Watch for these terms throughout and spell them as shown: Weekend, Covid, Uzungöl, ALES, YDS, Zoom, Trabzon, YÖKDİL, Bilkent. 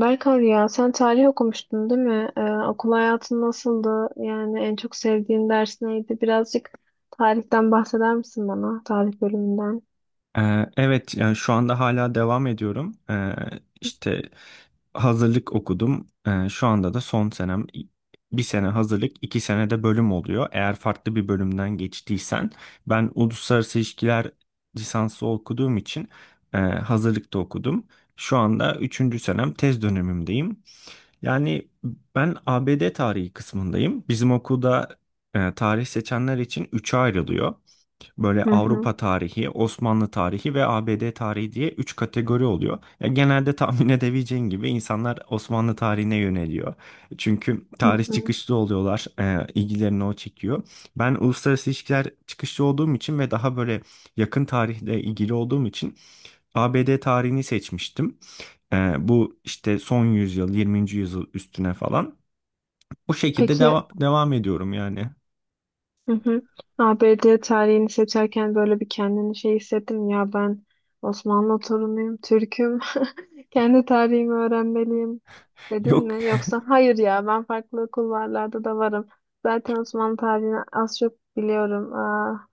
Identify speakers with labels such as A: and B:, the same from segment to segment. A: Berkan ya sen tarih okumuştun değil mi? Okul hayatın nasıldı? Yani en çok sevdiğin ders neydi? Birazcık tarihten bahseder misin bana? Tarih bölümünden.
B: Evet, yani şu anda hala devam ediyorum. İşte hazırlık okudum. Şu anda da son senem. Bir sene hazırlık, 2 sene de bölüm oluyor. Eğer farklı bir bölümden geçtiysen, ben uluslararası ilişkiler lisansı okuduğum için hazırlıkta okudum. Şu anda üçüncü senem tez dönemimdeyim. Yani ben ABD tarihi kısmındayım. Bizim okulda tarih seçenler için üçe ayrılıyor. Böyle
A: Hı hı.
B: Avrupa tarihi, Osmanlı tarihi ve ABD tarihi diye 3 kategori oluyor. Ya genelde tahmin edebileceğin gibi insanlar Osmanlı tarihine yöneliyor. Çünkü
A: Hı
B: tarih
A: hı.
B: çıkışlı oluyorlar, ilgilerini o çekiyor. Ben uluslararası ilişkiler çıkışlı olduğum için ve daha böyle yakın tarihle ilgili olduğum için ABD tarihini seçmiştim. Bu işte son yüzyıl, 20. yüzyıl üstüne falan. Bu şekilde
A: Peki.
B: devam ediyorum yani.
A: Hı hı. ABD tarihini seçerken böyle bir kendini şey hissettim ya ben Osmanlı torunuyum, Türk'üm, kendi tarihimi öğrenmeliyim dedin
B: Yok.
A: mi? Yoksa hayır ya ben farklı kulvarlarda da varım. Zaten Osmanlı tarihini az çok biliyorum. Aa,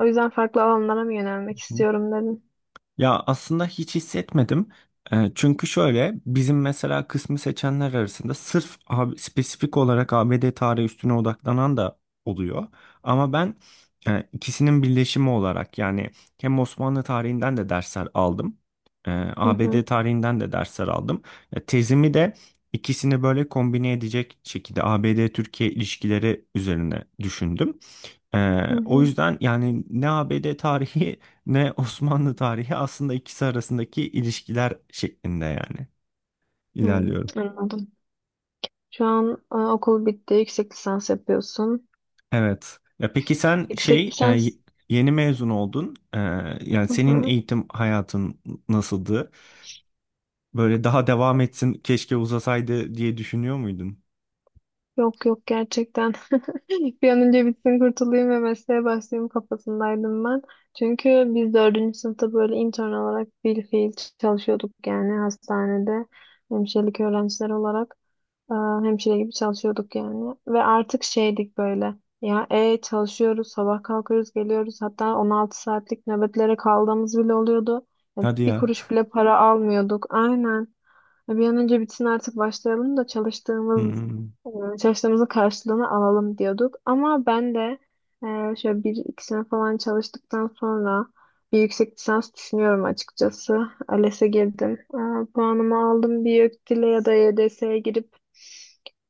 A: o yüzden farklı alanlara mı yönelmek istiyorum dedin.
B: Ya aslında hiç hissetmedim. Çünkü şöyle bizim mesela kısmı seçenler arasında sırf spesifik olarak ABD tarihi üstüne odaklanan da oluyor. Ama ben ikisinin birleşimi olarak yani hem Osmanlı tarihinden de dersler aldım. e,
A: Hı hı,
B: ABD tarihinden de dersler aldım. Ya, tezimi de ikisini böyle kombine edecek şekilde ABD-Türkiye ilişkileri üzerine düşündüm.
A: hı
B: O
A: hı.
B: yüzden yani ne ABD tarihi ne Osmanlı tarihi aslında ikisi arasındaki ilişkiler şeklinde yani
A: Hı,
B: ilerliyorum.
A: anladım. Şu an okul bitti, yüksek lisans yapıyorsun.
B: Evet. Ya peki sen
A: Yüksek
B: şey
A: lisans.
B: yeni mezun oldun. Yani
A: Hı
B: senin
A: hı.
B: eğitim hayatın nasıldı? Böyle daha devam etsin keşke uzasaydı diye düşünüyor muydun?
A: Yok yok, gerçekten. Bir an önce bitsin kurtulayım ve mesleğe başlayayım kafasındaydım ben. Çünkü biz dördüncü sınıfta böyle intern olarak bilfiil çalışıyorduk yani hastanede hemşirelik öğrenciler olarak e, hemşire gibi çalışıyorduk yani. Ve artık şeydik böyle, ya çalışıyoruz, sabah kalkıyoruz, geliyoruz, hatta 16 saatlik nöbetlere kaldığımız bile oluyordu. Yani
B: Hadi
A: bir
B: ya.
A: kuruş bile para almıyorduk, aynen. Bir an önce bitsin artık başlayalım da
B: Hmm.
A: e, çalıştığımızın karşılığını alalım diyorduk. Ama ben de şöyle bir iki sene falan çalıştıktan sonra bir yüksek lisans düşünüyorum açıkçası. ALES'e girdim. Puanımı aldım, bir YÖKDİL'e ya da YDS'ye girip,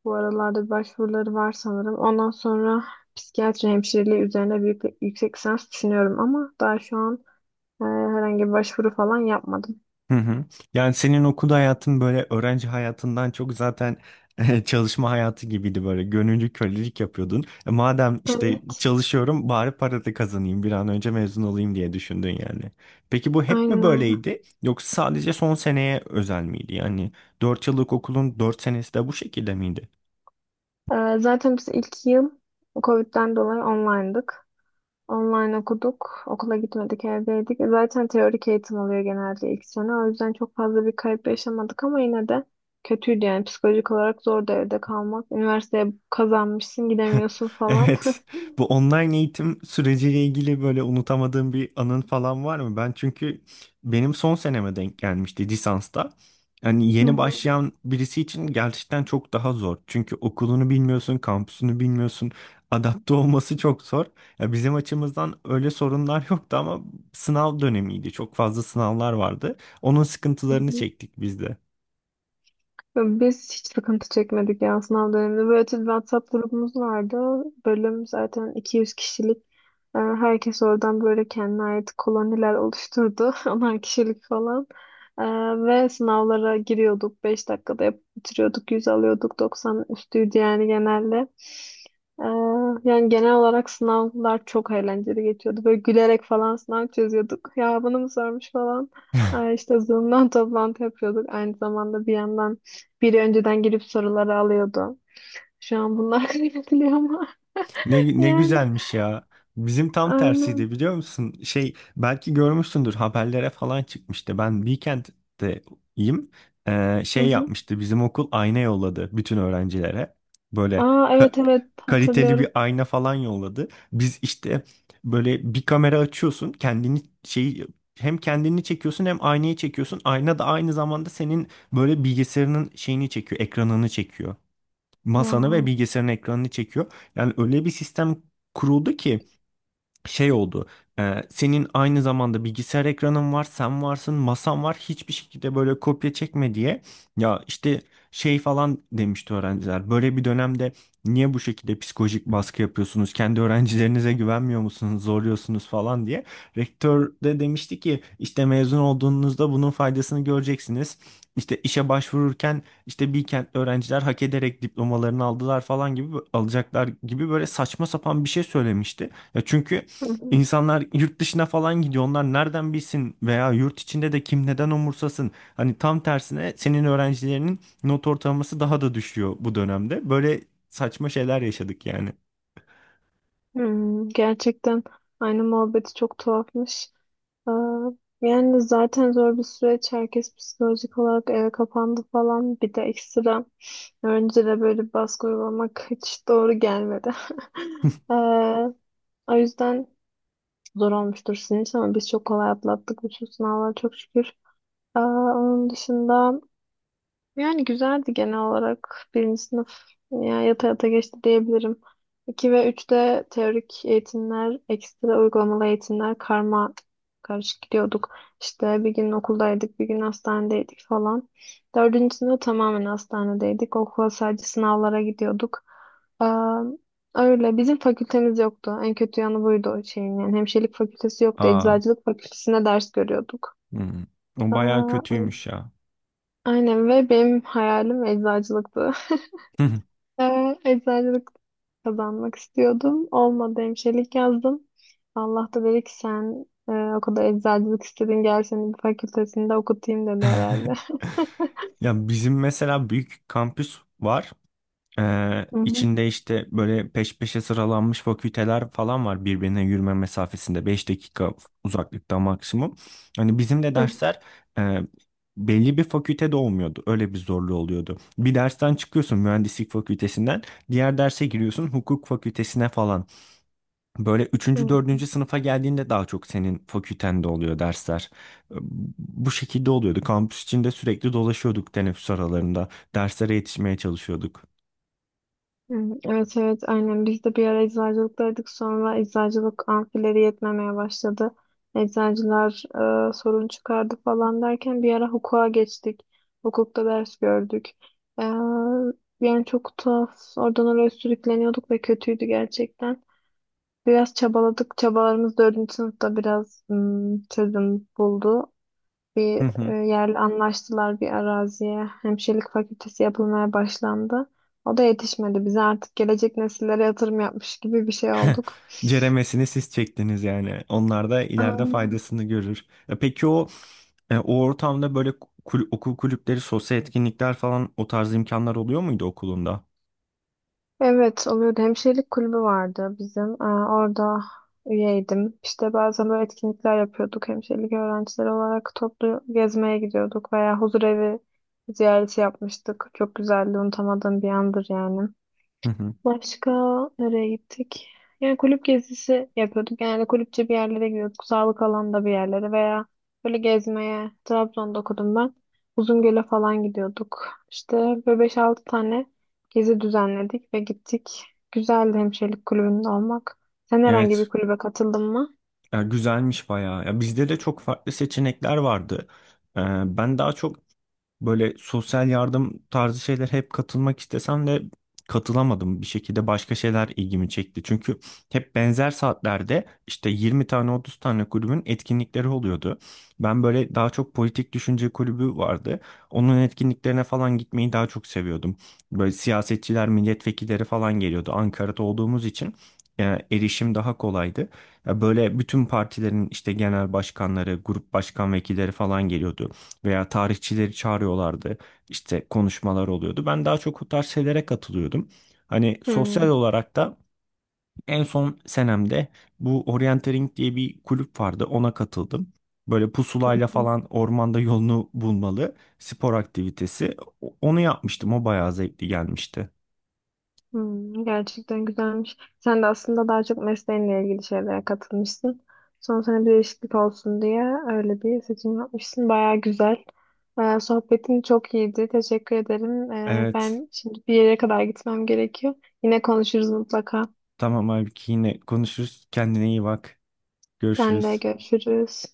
A: bu aralarda bir başvuruları var sanırım. Ondan sonra psikiyatri hemşireliği üzerine büyük bir yüksek lisans düşünüyorum ama daha şu an herhangi bir başvuru falan yapmadım.
B: Hı hı. Yani senin okul hayatın böyle öğrenci hayatından çok zaten çalışma hayatı gibiydi böyle gönüllü kölelik yapıyordun. Madem işte
A: Evet,
B: çalışıyorum bari para da kazanayım bir an önce mezun olayım diye düşündün yani. Peki bu hep mi
A: aynen öyle.
B: böyleydi yoksa sadece son seneye özel miydi? Yani 4 yıllık okulun 4 senesi de bu şekilde miydi?
A: Zaten biz ilk yıl Covid'den dolayı online'dık. Online okuduk. Okula gitmedik, evdeydik. Zaten teorik eğitim oluyor genelde ilk sene. O yüzden çok fazla bir kayıp yaşamadık ama yine de kötüydü yani. Psikolojik olarak zordu evde kalmak. Üniversiteye kazanmışsın, gidemiyorsun falan.
B: Evet. Bu online eğitim süreciyle ilgili böyle unutamadığım bir anın falan var mı? Ben çünkü benim son seneme denk gelmişti lisansta. Hani yeni
A: Hı
B: başlayan birisi için gerçekten çok daha zor. Çünkü okulunu bilmiyorsun, kampüsünü bilmiyorsun. Adapte olması çok zor. Ya bizim açımızdan öyle sorunlar yoktu ama sınav dönemiydi. Çok fazla sınavlar vardı. Onun sıkıntılarını
A: hı.
B: çektik biz.
A: Biz hiç sıkıntı çekmedik ya sınav döneminde. Böyle özel bir WhatsApp grubumuz vardı. Bölüm zaten 200 kişilik. Herkes oradan böyle kendine ait koloniler oluşturdu. Onar kişilik falan. Ee, Ve sınavlara giriyorduk. 5 dakikada yapıp bitiriyorduk. 100 alıyorduk. 90 üstüydü yani genelde. Ee, Yani genel olarak sınavlar çok eğlenceli geçiyordu. Böyle gülerek falan sınav çözüyorduk. Ya bunu mu sormuş falan. İşte Zoom'dan toplantı yapıyorduk. Aynı zamanda bir yandan biri önceden girip soruları alıyordu. Şu an bunlar kaybediliyor ama.
B: Ne
A: Yani
B: güzelmiş ya. Bizim tam tersiydi
A: aynen.
B: biliyor musun? Şey belki görmüşsündür haberlere falan çıkmıştı. Ben Weekend'deyim.
A: Hı
B: Şey
A: hı.
B: yapmıştı bizim okul, ayna yolladı bütün öğrencilere. Böyle
A: Aa,
B: ka-
A: evet evet,
B: kaliteli bir
A: hatırlıyorum.
B: ayna falan yolladı. Biz işte böyle bir kamera açıyorsun, kendini şey, hem kendini çekiyorsun hem aynayı çekiyorsun. Ayna da aynı zamanda senin böyle bilgisayarının şeyini çekiyor, ekranını çekiyor, masanı ve
A: Wow.
B: bilgisayarın ekranını çekiyor. Yani öyle bir sistem kuruldu ki şey oldu. Senin aynı zamanda bilgisayar ekranın var, sen varsın, masan var. Hiçbir şekilde böyle kopya çekme diye. Ya işte şey falan demişti öğrenciler. Böyle bir dönemde niye bu şekilde psikolojik baskı yapıyorsunuz? Kendi öğrencilerinize güvenmiyor musunuz? Zorluyorsunuz falan diye. Rektör de demişti ki işte mezun olduğunuzda bunun faydasını göreceksiniz. İşte işe başvururken işte Bilkentli öğrenciler hak ederek diplomalarını aldılar falan gibi alacaklar gibi böyle saçma sapan bir şey söylemişti. Ya çünkü
A: Hı hı.
B: İnsanlar yurt dışına falan gidiyor. Onlar nereden bilsin veya yurt içinde de kim neden umursasın? Hani tam tersine senin öğrencilerinin not ortalaması daha da düşüyor bu dönemde. Böyle saçma şeyler yaşadık yani.
A: Hmm, gerçekten, aynı muhabbeti, çok tuhafmış. Aa, yani zaten zor bir süreç. Herkes psikolojik olarak eve kapandı falan. Bir de ekstra öğrencilere böyle bir baskı uygulamak hiç doğru gelmedi. Ee, O yüzden zor olmuştur sizin için ama biz çok kolay atlattık, bütün sınavlar, çok şükür. Aa, onun dışında yani güzeldi genel olarak. Birinci sınıf yani yata yata geçti diyebilirim. İki ve üçte teorik eğitimler, ekstra uygulamalı eğitimler karma karışık gidiyorduk. İşte bir gün okuldaydık, bir gün hastanedeydik falan. Dördüncü sınıf tamamen hastanedeydik. Okula sadece sınavlara gidiyorduk. Aa, öyle, bizim fakültemiz yoktu. En kötü yanı buydu o şeyin. Yani hemşirelik fakültesi yoktu.
B: Aa,
A: Eczacılık fakültesine ders görüyorduk.
B: hmm. O bayağı
A: Aa,
B: kötüymüş ya.
A: aynen. Ve benim hayalim eczacılıktı. Eczacılık kazanmak istiyordum. Olmadı, hemşirelik yazdım. Allah da dedi ki sen o kadar eczacılık istedin, gel seni bir fakültesinde okutayım, dedi herhalde.
B: Ya bizim mesela büyük kampüs var.
A: Hı hı.
B: İçinde işte böyle peş peşe sıralanmış fakülteler falan var, birbirine yürüme mesafesinde 5 dakika uzaklıkta maksimum. Hani bizim de
A: Hı.
B: dersler e, belli bir fakültede olmuyordu. Öyle bir zorluğu oluyordu. Bir dersten çıkıyorsun mühendislik fakültesinden, diğer derse giriyorsun hukuk fakültesine falan. Böyle
A: Hı.
B: üçüncü dördüncü sınıfa geldiğinde daha çok senin fakültende oluyor dersler. Ee, Bu şekilde oluyordu. Kampüs içinde sürekli dolaşıyorduk teneffüs aralarında. Derslere yetişmeye çalışıyorduk.
A: Hmm, evet evet, aynen biz de bir ara eczacılıktaydık, sonra eczacılık amfileri yetmemeye başladı. Eczacılar sorun çıkardı falan derken bir ara hukuka geçtik. Hukukta ders gördük. E, Yani çok tuhaf, oradan oraya sürükleniyorduk ve kötüydü gerçekten. Biraz çabaladık, çabalarımız dördüncü sınıfta biraz çözüm buldu, bir yerle anlaştılar, bir araziye. Hemşirelik fakültesi yapılmaya başlandı. O da yetişmedi. Bize artık gelecek nesillere yatırım yapmış gibi bir şey olduk.
B: Ceremesini siz çektiniz yani. Onlar da
A: Aa,
B: ileride faydasını görür. Peki o ortamda böyle okul kulüpleri, sosyal etkinlikler falan o tarz imkanlar oluyor muydu okulunda?
A: evet, oluyordu. Hemşirelik kulübü vardı bizim. Aa, orada üyeydim. İşte bazen böyle etkinlikler yapıyorduk. Hemşirelik öğrencileri olarak toplu gezmeye gidiyorduk veya huzur evi ziyareti yapmıştık. Çok güzeldi. Unutamadığım bir andır yani.
B: Hı hı.
A: Başka nereye gittik? Yani kulüp gezisi yapıyorduk. Genelde kulüpçe bir yerlere gidiyorduk. Sağlık alanında bir yerlere veya böyle gezmeye. Trabzon'da okudum ben. Uzungöl'e falan gidiyorduk. İşte böyle beş altı tane gezi düzenledik ve gittik. Güzeldi hemşirelik kulübünde olmak. Sen herhangi bir
B: Evet,
A: kulübe katıldın mı?
B: ya güzelmiş bayağı. Ya bizde de çok farklı seçenekler vardı. E, Ben daha çok böyle sosyal yardım tarzı şeyler hep katılmak istesem de katılamadım. Bir şekilde başka şeyler ilgimi çekti. Çünkü hep benzer saatlerde işte 20 tane 30 tane kulübün etkinlikleri oluyordu. Ben böyle daha çok politik düşünce kulübü vardı. Onun etkinliklerine falan gitmeyi daha çok seviyordum. Böyle siyasetçiler, milletvekilleri falan geliyordu. Ankara'da olduğumuz için e, erişim daha kolaydı. Ya böyle bütün partilerin işte genel başkanları, grup başkan vekilleri falan geliyordu veya tarihçileri çağırıyorlardı. İşte konuşmalar oluyordu. Ben daha çok o tarz şeylere katılıyordum. Hani sosyal
A: Hmm.
B: olarak da en son senemde bu orienteering diye bir kulüp vardı. Ona katıldım. Böyle pusulayla falan ormanda yolunu bulmalı spor aktivitesi. Onu yapmıştım. O bayağı zevkli gelmişti.
A: Hmm, gerçekten güzelmiş. Sen de aslında daha çok mesleğinle ilgili şeylere katılmışsın. Son sene bir değişiklik olsun diye öyle bir seçim yapmışsın. Baya güzel. Sohbetin çok iyiydi. Teşekkür ederim.
B: Evet.
A: Ben şimdi bir yere kadar gitmem gerekiyor. Yine konuşuruz mutlaka.
B: Tamam abi yine konuşuruz. Kendine iyi bak.
A: Sen de
B: Görüşürüz.
A: görüşürüz.